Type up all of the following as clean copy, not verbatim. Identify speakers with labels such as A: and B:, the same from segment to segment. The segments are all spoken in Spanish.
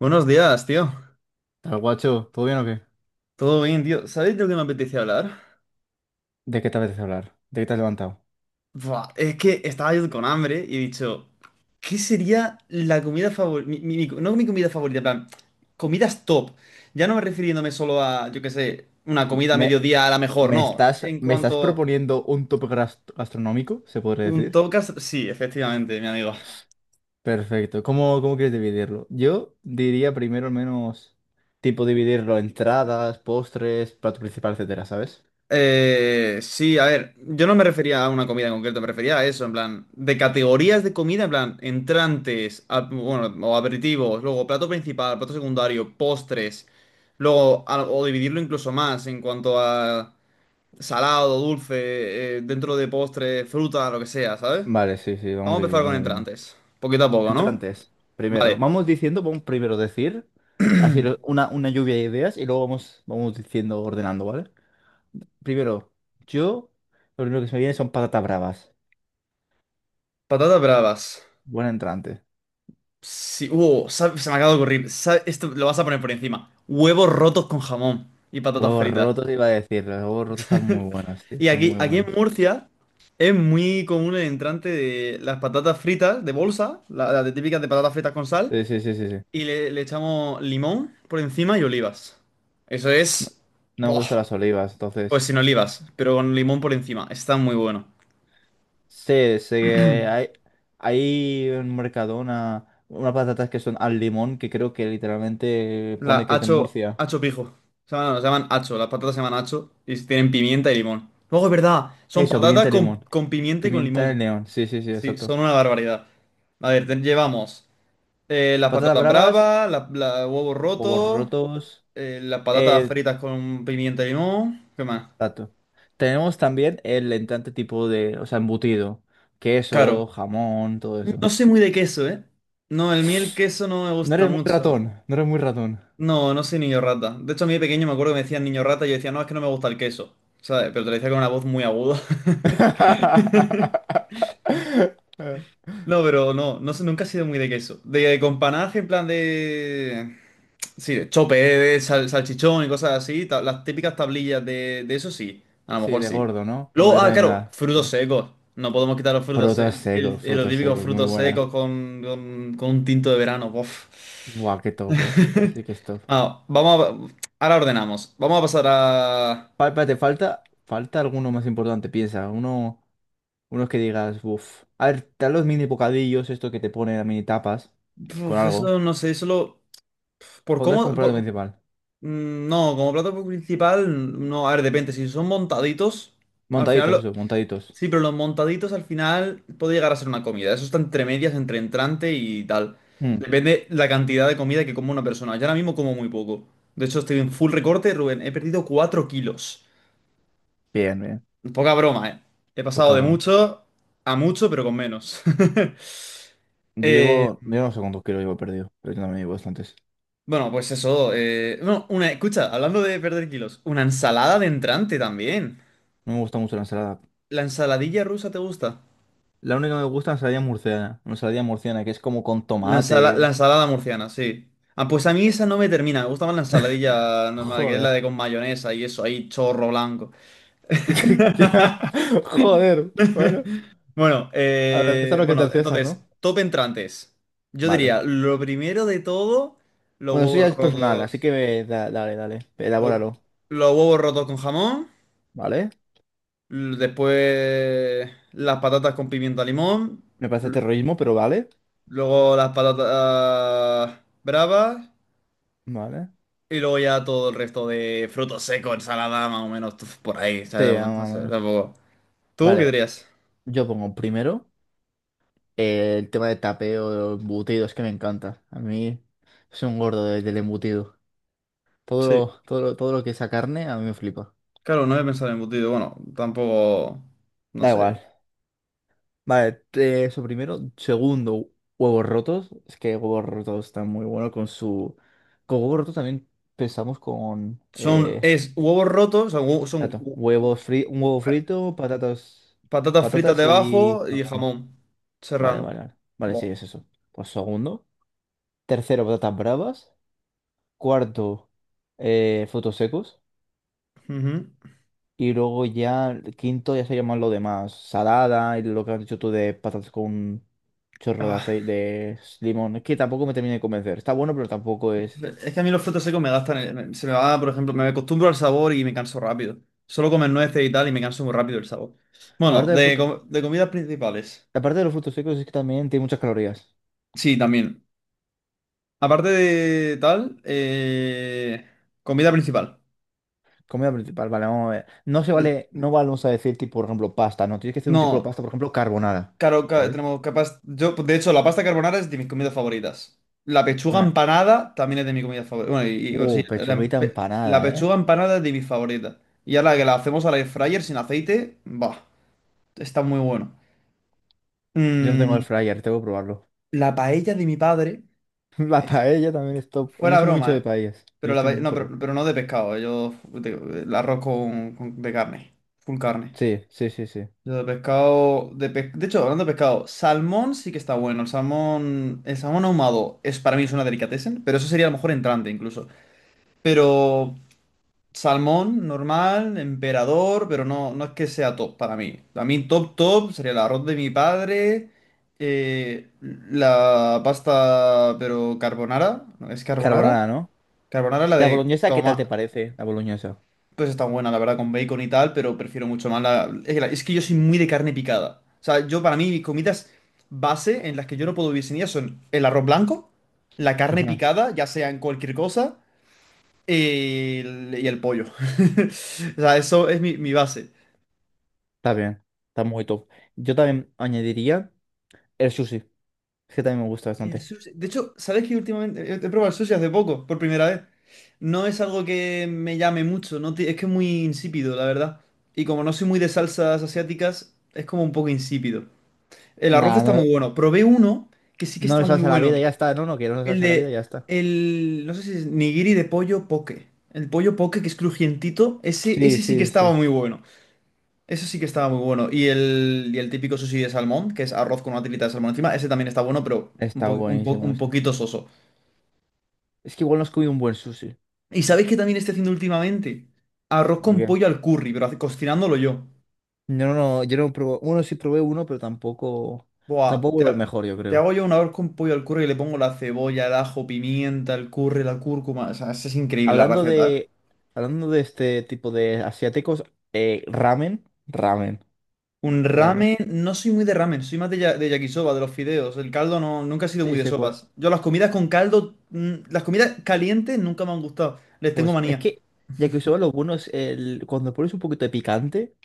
A: Buenos días, tío.
B: Tal guacho, ¿todo bien o qué?
A: Todo bien, tío. ¿Sabéis de lo que me apetecía hablar?
B: ¿De qué te apetece hablar? ¿De qué te has levantado?
A: Buah, es que estaba yo con hambre y he dicho, ¿qué sería la comida favorita? No mi comida favorita, en plan, comidas top. Ya no me refiriéndome solo a, yo qué sé, una
B: M-
A: comida a
B: ¿Me,
A: mediodía a la mejor,
B: me
A: no.
B: estás,
A: En
B: me estás
A: cuanto
B: proponiendo un gastronómico, se podría
A: un
B: decir?
A: top, sí, efectivamente, mi amigo.
B: Perfecto. ¿Cómo quieres dividirlo? Yo diría primero al menos tipo dividirlo entradas, postres, plato principal, etcétera, ¿sabes?
A: Sí, a ver, yo no me refería a una comida en concreto, me refería a eso, en plan, de categorías de comida, en plan, entrantes, bueno, o aperitivos, luego plato principal, plato secundario, postres, luego, o dividirlo incluso más en cuanto a salado, dulce, dentro de postre, fruta, lo que sea, ¿sabes?
B: Vale, sí, sí, vamos
A: Vamos a empezar
B: dividiendo,
A: con
B: vamos viendo.
A: entrantes, poquito a poco, ¿no?
B: Entrantes, primero.
A: Vale,
B: Vamos diciendo, vamos primero decir, una lluvia de ideas y luego vamos, vamos diciendo, ordenando, ¿vale? Primero, yo, lo primero que se me viene son patatas bravas.
A: patatas bravas.
B: Buen entrante.
A: Sí, se me acaba de ocurrir. Esto lo vas a poner por encima. Huevos rotos con jamón y patatas
B: Huevos
A: fritas.
B: rotos iba a decir. Los huevos rotos están muy buenos, tío.
A: Y
B: Están
A: aquí,
B: muy
A: aquí en
B: buenos.
A: Murcia es muy común el entrante de las patatas fritas de bolsa, las de típicas de patatas fritas con sal,
B: Sí, sí, sí, sí, sí.
A: y le echamos limón por encima y olivas. Eso
B: No,
A: es...
B: no me
A: Buah,
B: gustan las olivas,
A: pues
B: entonces.
A: sin olivas, pero con limón por encima. Está muy bueno.
B: Sí, sé que hay en Mercadona unas patatas que son al limón, que creo que literalmente
A: La
B: pone que es de
A: hacho,
B: Murcia.
A: hacho pijo. Se llaman hacho, las patatas se llaman hacho y tienen pimienta y limón. Luego es verdad, son
B: Eso,
A: patatas
B: pimienta de limón.
A: con pimienta y con
B: Pimienta de
A: limón.
B: león. Sí, sí, sí,
A: Sí,
B: exacto.
A: son una barbaridad. A ver, llevamos las
B: Patatas
A: patatas
B: bravas,
A: bravas, huevos
B: huevos
A: rotos,
B: rotos.
A: las patatas
B: Eh,
A: fritas con pimienta y limón. ¿Qué más?
B: exacto. Tenemos también el entrante tipo de, o sea, embutido.
A: Claro.
B: Queso, jamón, todo eso.
A: No sé muy de queso, ¿eh? No, el miel queso no me
B: No
A: gusta
B: eres muy
A: mucho.
B: ratón, no eres muy ratón.
A: No, no soy niño rata. De hecho, a mí de pequeño me acuerdo que me decían niño rata y yo decía, no, es que no me gusta el queso. ¿Sabes? Pero te lo decía con una voz muy aguda. No, pero no, no sé, nunca he sido muy de queso. De, con panaje, en plan de. Sí, de chope, salchichón y cosas así. Las típicas tablillas de eso sí. A lo
B: Sí,
A: mejor
B: de
A: sí.
B: gordo, ¿no? Como
A: Luego,
B: yo
A: ah,
B: también
A: claro,
B: era. Sí.
A: frutos secos. No podemos quitar los frutos secos. Los
B: Frutos
A: típicos
B: secos, muy
A: frutos
B: buena.
A: secos con un tinto de verano. Bof.
B: Buah, qué top, ¿eh? Así que es top.
A: Ah, vamos a. Ahora ordenamos. Vamos a pasar a.
B: Espérate, falta, falta alguno más importante, piensa. Uno, unos que digas, uff. A ver, te dan los mini bocadillos, esto que te ponen a mini tapas, con
A: Uf,
B: algo.
A: eso no sé, solo. Por
B: Pondrás
A: cómo.
B: como plato principal.
A: No, como plato principal, no, a ver, depende. Si son montaditos, al final
B: Montaditos,
A: lo-
B: eso, montaditos.
A: sí, pero los montaditos al final puede llegar a ser una comida. Eso está entre medias, entre entrante y tal.
B: Mm,
A: Depende la cantidad de comida que coma una persona. Yo ahora mismo como muy poco. De hecho, estoy en full recorte, Rubén. He perdido 4 kilos.
B: Bien, bien.
A: Poca broma, ¿eh? He pasado
B: Poca
A: de
B: broma.
A: mucho a mucho, pero con menos.
B: Yo
A: Eh,
B: llevo, yo no sé cuántos kilos llevo perdido, pero yo también llevo bastantes.
A: bueno, pues eso. No, una, Escucha, hablando de perder kilos, una ensalada de entrante también.
B: No me gusta mucho la ensalada.
A: ¿La ensaladilla rusa te gusta?
B: La única que me gusta es la ensalada murciana. Una ensalada murciana que es como con tomate.
A: La ensalada murciana, sí. Ah, pues a mí esa no me termina. Me gusta más la ensaladilla normal, que es la
B: Joder.
A: de con mayonesa y eso, ahí chorro blanco.
B: Ya, Joder. Bueno, a ver, César lo que es del
A: Bueno,
B: César,
A: entonces,
B: ¿no?
A: top entrantes. Yo
B: Vale.
A: diría, lo primero de todo, los
B: Bueno, eso
A: huevos
B: ya es personal, así
A: rotos.
B: que dale,
A: lo-
B: elabóralo.
A: los huevos rotos con jamón.
B: ¿Vale?
A: Después, las patatas con pimiento a limón.
B: Me parece
A: l-
B: terrorismo, pero vale.
A: Luego, las patatas bravas.
B: Vale.
A: Y luego ya todo el resto de frutos secos, ensalada, más o menos, tuf, por ahí,
B: Sí,
A: ¿sabes? No sé,
B: vámonos.
A: tampoco. ¿Tú qué
B: Vale,
A: dirías?
B: yo pongo primero el tema de tapeo, de embutidos, que me encanta. A mí soy un gordo del embutido. Todo
A: Sí,
B: lo, todo lo- todo lo que sea carne a mí me flipa.
A: claro, no he pensado en embutido. Bueno, tampoco, no
B: Da
A: sé.
B: igual. Vale, eso primero. Segundo, huevos rotos. Es que huevos rotos están muy buenos con su... Con huevos rotos también pensamos con...
A: Son, es huevos rotos, son, hue- son
B: Tanto,
A: hu-
B: un huevo frito, patatas...
A: Patatas fritas
B: Patatas y...
A: debajo y
B: mamón.
A: jamón
B: Vale,
A: serrano.
B: vale, vale. Vale, sí,
A: Buah.
B: es eso. Pues segundo. Tercero, patatas bravas. Cuarto, frutos secos.
A: Ujú.
B: Y luego ya, el quinto ya se llaman lo demás. Salada y lo que has dicho tú de patatas con un chorro de
A: Ah,
B: aceite, de limón. Es que tampoco me termina de convencer. Está bueno, pero tampoco es.
A: es que a mí los frutos secos me gastan, se me va, por ejemplo, me acostumbro al sabor y me canso rápido. Solo comer nueces y tal y me canso muy rápido el sabor. Bueno,
B: Aparte del fruto,
A: de comidas principales.
B: aparte de los frutos secos es que también tiene muchas calorías.
A: Sí, también. Aparte de tal, comida principal.
B: Comida principal, vale, vamos a ver. No se vale, no vamos a decir tipo, por ejemplo, pasta, no. Tienes que hacer un tipo de
A: No,
B: pasta, por ejemplo, carbonara.
A: claro,
B: ¿Sabes?
A: tenemos capaz. Yo, de hecho, la pasta carbonara es de mis comidas favoritas. La pechuga
B: Eh,
A: empanada también es de mis comidas favoritas. Bueno, bueno, sí,
B: Pechuguita
A: la
B: empanada, ¿eh?
A: pechuga empanada es de mis favoritas. Y ahora que la hacemos al air fryer sin aceite, va, está muy bueno.
B: Yo no tengo
A: Mm,
B: el fryer, tengo que probarlo.
A: la paella de mi padre
B: La
A: es
B: paella también es top. No
A: fuera
B: soy mucho
A: broma,
B: de
A: ¿eh?
B: paellas. Yo
A: Pero,
B: estoy muy
A: no,
B: pro.
A: pero no de pescado, el arroz de carne, full carne.
B: Sí, sí, sí, sí.
A: Yo de pescado, de hecho, hablando de pescado, salmón sí que está bueno. El salmón ahumado es para mí es una delicatessen, pero eso sería a lo mejor entrante incluso. Pero salmón normal, emperador, pero no, no es que sea top para mí. A mí top top sería el arroz de mi padre, eh, la pasta, pero carbonara, ¿no? ¿Es carbonara?
B: Carbonara, ¿no?
A: Carbonara la
B: La
A: de
B: boloñesa, ¿qué tal te
A: tomate.
B: parece? La boloñesa.
A: Pues está buena, la verdad, con bacon y tal, pero prefiero mucho más la... Es que, es que yo soy muy de carne picada. O sea, yo para mí mis comidas base en las que yo no puedo vivir sin ellas son el arroz blanco, la carne
B: Ajá,
A: picada, ya sea en cualquier cosa, y el pollo. O sea, eso es mi base.
B: Está bien. Está muy top. Yo también añadiría el sushi. Es que también me gusta bastante.
A: De hecho, ¿sabes que últimamente he probado el sushi hace poco, por primera vez? No es algo que me llame mucho, no ti- es que es muy insípido, la verdad. Y como no soy muy de salsas asiáticas, es como un poco insípido. El arroz
B: Nada,
A: está
B: no,
A: muy bueno. Probé uno que sí que
B: no le
A: está muy
B: salsa a la vida,
A: bueno.
B: ya está. No, no quiero no
A: El
B: salsa a la vida,
A: de,
B: ya está.
A: el, no sé si es nigiri de pollo poke. El pollo poke que es crujientito,
B: Sí,
A: ese sí que
B: sí,
A: estaba
B: sí.
A: muy bueno. Eso sí que estaba muy bueno. Y el típico sushi de salmón, que es arroz con una tirita de salmón encima, ese también está bueno, pero
B: Está buenísimo
A: un
B: ese.
A: poquito soso.
B: Es que igual no has comido un buen sushi.
A: ¿Y sabéis que también estoy haciendo últimamente? Arroz
B: ¿Por
A: con
B: qué?
A: pollo al curry, pero cocinándolo yo.
B: No, no, no, yo no probé. Bueno, sí probé uno, pero tampoco.
A: Buah, te,
B: Tampoco el mejor, yo
A: Te
B: creo.
A: hago yo una vez con pollo al curry y le pongo la cebolla, el ajo, pimienta, el curry, la cúrcuma. O sea, esa es increíble la
B: Hablando
A: receta. ¿Eh?
B: de. Hablando de este tipo de asiáticos, ramen. Ramen.
A: Un
B: Ramen.
A: ramen, no soy muy de ramen, soy más de, de yakisoba, de los fideos. El caldo no, nunca he sido
B: Sí,
A: muy de
B: sé cuál.
A: sopas. Yo las comidas con caldo, las comidas calientes nunca me han gustado. Les tengo
B: Pues es
A: manía.
B: que yakisoba lo bueno es el, cuando pones un poquito de picante,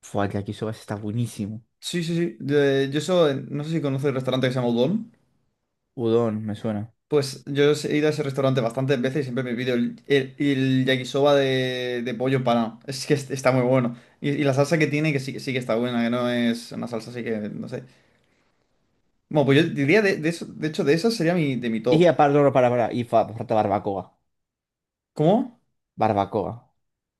B: fue el yakisoba está buenísimo.
A: Sí, sí, sí. No sé si conoces el restaurante que se llama Udon.
B: Udon, me suena.
A: Pues yo he ido a ese restaurante bastantes veces y siempre me pido el yakisoba de pollo empanado. Es que está muy bueno. Y la salsa que tiene, que sí que está buena, que no es una salsa así que, no sé. Bueno, pues yo diría de eso, de hecho, de esa sería mi, de mi top.
B: Y aparte, no, no, para, y falta barbacoa.
A: ¿Cómo?
B: Barbacoa.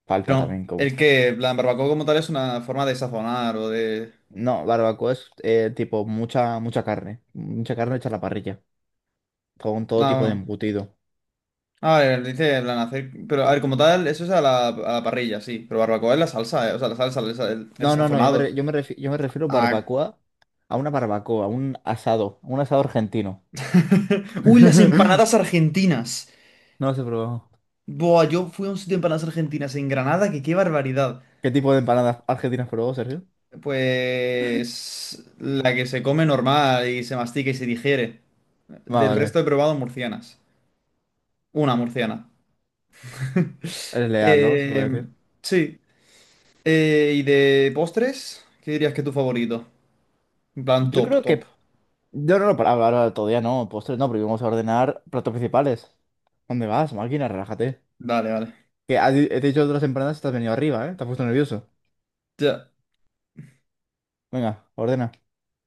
B: Falta
A: No,
B: también como.
A: el que, en plan, barbacoa como tal es una forma de sazonar o de...
B: No, barbacoa es tipo mucha, mucha carne. Mucha carne hecha a la parrilla. Con todo
A: No,
B: tipo de
A: no.
B: embutido.
A: A ver, dice, en plan, hacer... Pero, a ver, como tal, eso es a la parrilla, sí. Pero barbacoa es la salsa, O sea, la salsa, el
B: No, no, no, yo me,
A: sazonado.
B: re- yo me, refi- yo me refiero
A: Ah,
B: barbacoa a una barbacoa, a un asado argentino.
A: Uy, las empanadas argentinas.
B: No lo he probado.
A: Buah, yo fui a un sitio de empanadas argentinas en Granada, que qué barbaridad.
B: ¿Qué tipo de empanadas argentinas probó, Sergio?
A: Pues la que se come normal y se mastica y se digiere.
B: Ah,
A: Del resto
B: vale.
A: he probado murcianas. Una murciana.
B: Eres leal, ¿no? Se
A: Eh,
B: puede decir.
A: sí. ¿Y de postres? ¿Qué dirías que es tu favorito? En plan
B: Yo
A: top,
B: creo
A: top.
B: que. Yo no, no, para ahora ahora todavía no, postres no, porque vamos a ordenar platos principales. ¿Dónde vas, máquina? Relájate.
A: Vale, vale.
B: Que has di- he te dicho otras empanadas y te has venido arriba, ¿eh? Te has puesto nervioso.
A: Ya.
B: Venga, ordena.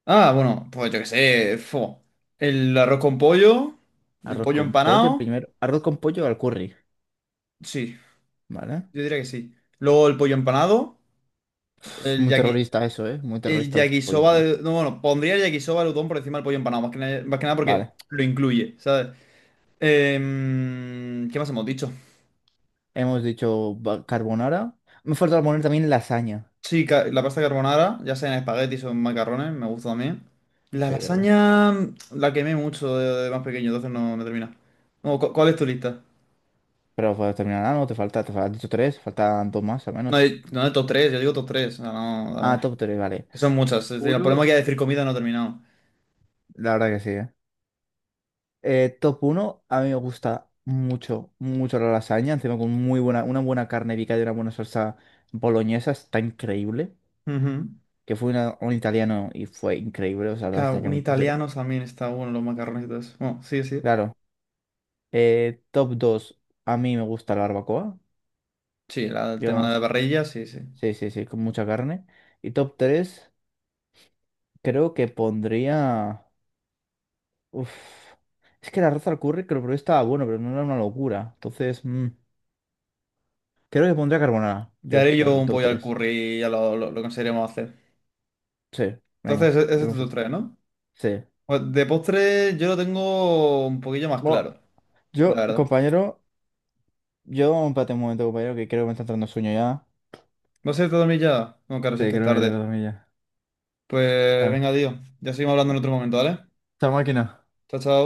A: Ah, bueno, pues yo qué sé. Fo. El arroz con pollo, el
B: Arroz
A: pollo
B: con pollo
A: empanado.
B: primero. Arroz con pollo al curry,
A: Sí,
B: ¿vale?
A: yo diría que sí. Luego el pollo empanado,
B: Uf,
A: el
B: muy
A: yaki,
B: terrorista eso, ¿eh? Muy
A: el
B: terrorista el pollo en
A: yakisoba
B: pan.
A: de... No, bueno, pondría el yakisoba de udon por encima del pollo empanado, más que nada porque
B: Vale.
A: lo incluye, ¿sabes? Em, ¿qué más hemos dicho?
B: Carbonara. Me falta poner también lasaña.
A: Sí, la pasta carbonara, ya sea en espaguetis o en macarrones, me gusta también. La
B: Sí, de acuerdo.
A: lasaña la quemé mucho de más pequeño, entonces no me termina. No, ¿cuál es tu lista?
B: Pero pues, terminará, ¿no? Te falta, has dicho tres, faltan dos más al
A: No,
B: menos.
A: no de top 3, yo digo top tres. O sea, no, a
B: Ah,
A: ver,
B: top tres, vale.
A: que son muchas. Es decir, el problema
B: Puro.
A: es que decir comida no he terminado.
B: La verdad que sí, ¿eh? Top uno a mí me gusta mucho, mucho la lasaña, encima con muy buena, una buena carne picada y una buena salsa boloñesa, está increíble.
A: Ujú.
B: Que fue un italiano y fue increíble, o sea, la
A: Claro,
B: lasaña que
A: un
B: me pusieron.
A: italiano también está bueno, los macarrones y todo eso. Bueno, sí, sí.
B: Claro. Top 2 a mí me gusta la barbacoa,
A: Sí, el tema de la
B: digamos,
A: parrilla, sí, sí.
B: sí, sí, sí, con mucha carne. Y top 3 creo que pondría... Uf, es que la arroz al curry creo que lo probé, estaba bueno, pero no era una locura. Entonces, creo que pondría carbonara,
A: Te
B: yo,
A: haré
B: en
A: yo
B: el
A: un
B: top
A: pollo al
B: tres.
A: curry y ya lo conseguiremos hacer.
B: Sí,
A: Entonces,
B: venga,
A: ese
B: yo
A: es
B: confío
A: tu
B: en ti.
A: tres, ¿no?
B: Sí.
A: Pues de postre yo lo tengo un poquillo más
B: Bueno,
A: claro, la
B: yo,
A: verdad.
B: compañero, yo empate un momento, compañero, que creo que me está entrando sueño ya.
A: ¿Vas a irte a dormir ya? No, claro, si
B: Sí,
A: es
B: creo
A: que es
B: que voy a
A: tarde.
B: dormir ya.
A: Pues
B: Bueno,
A: venga, tío. Ya seguimos hablando en otro momento, ¿vale?
B: chao máquina.
A: Chao, chao.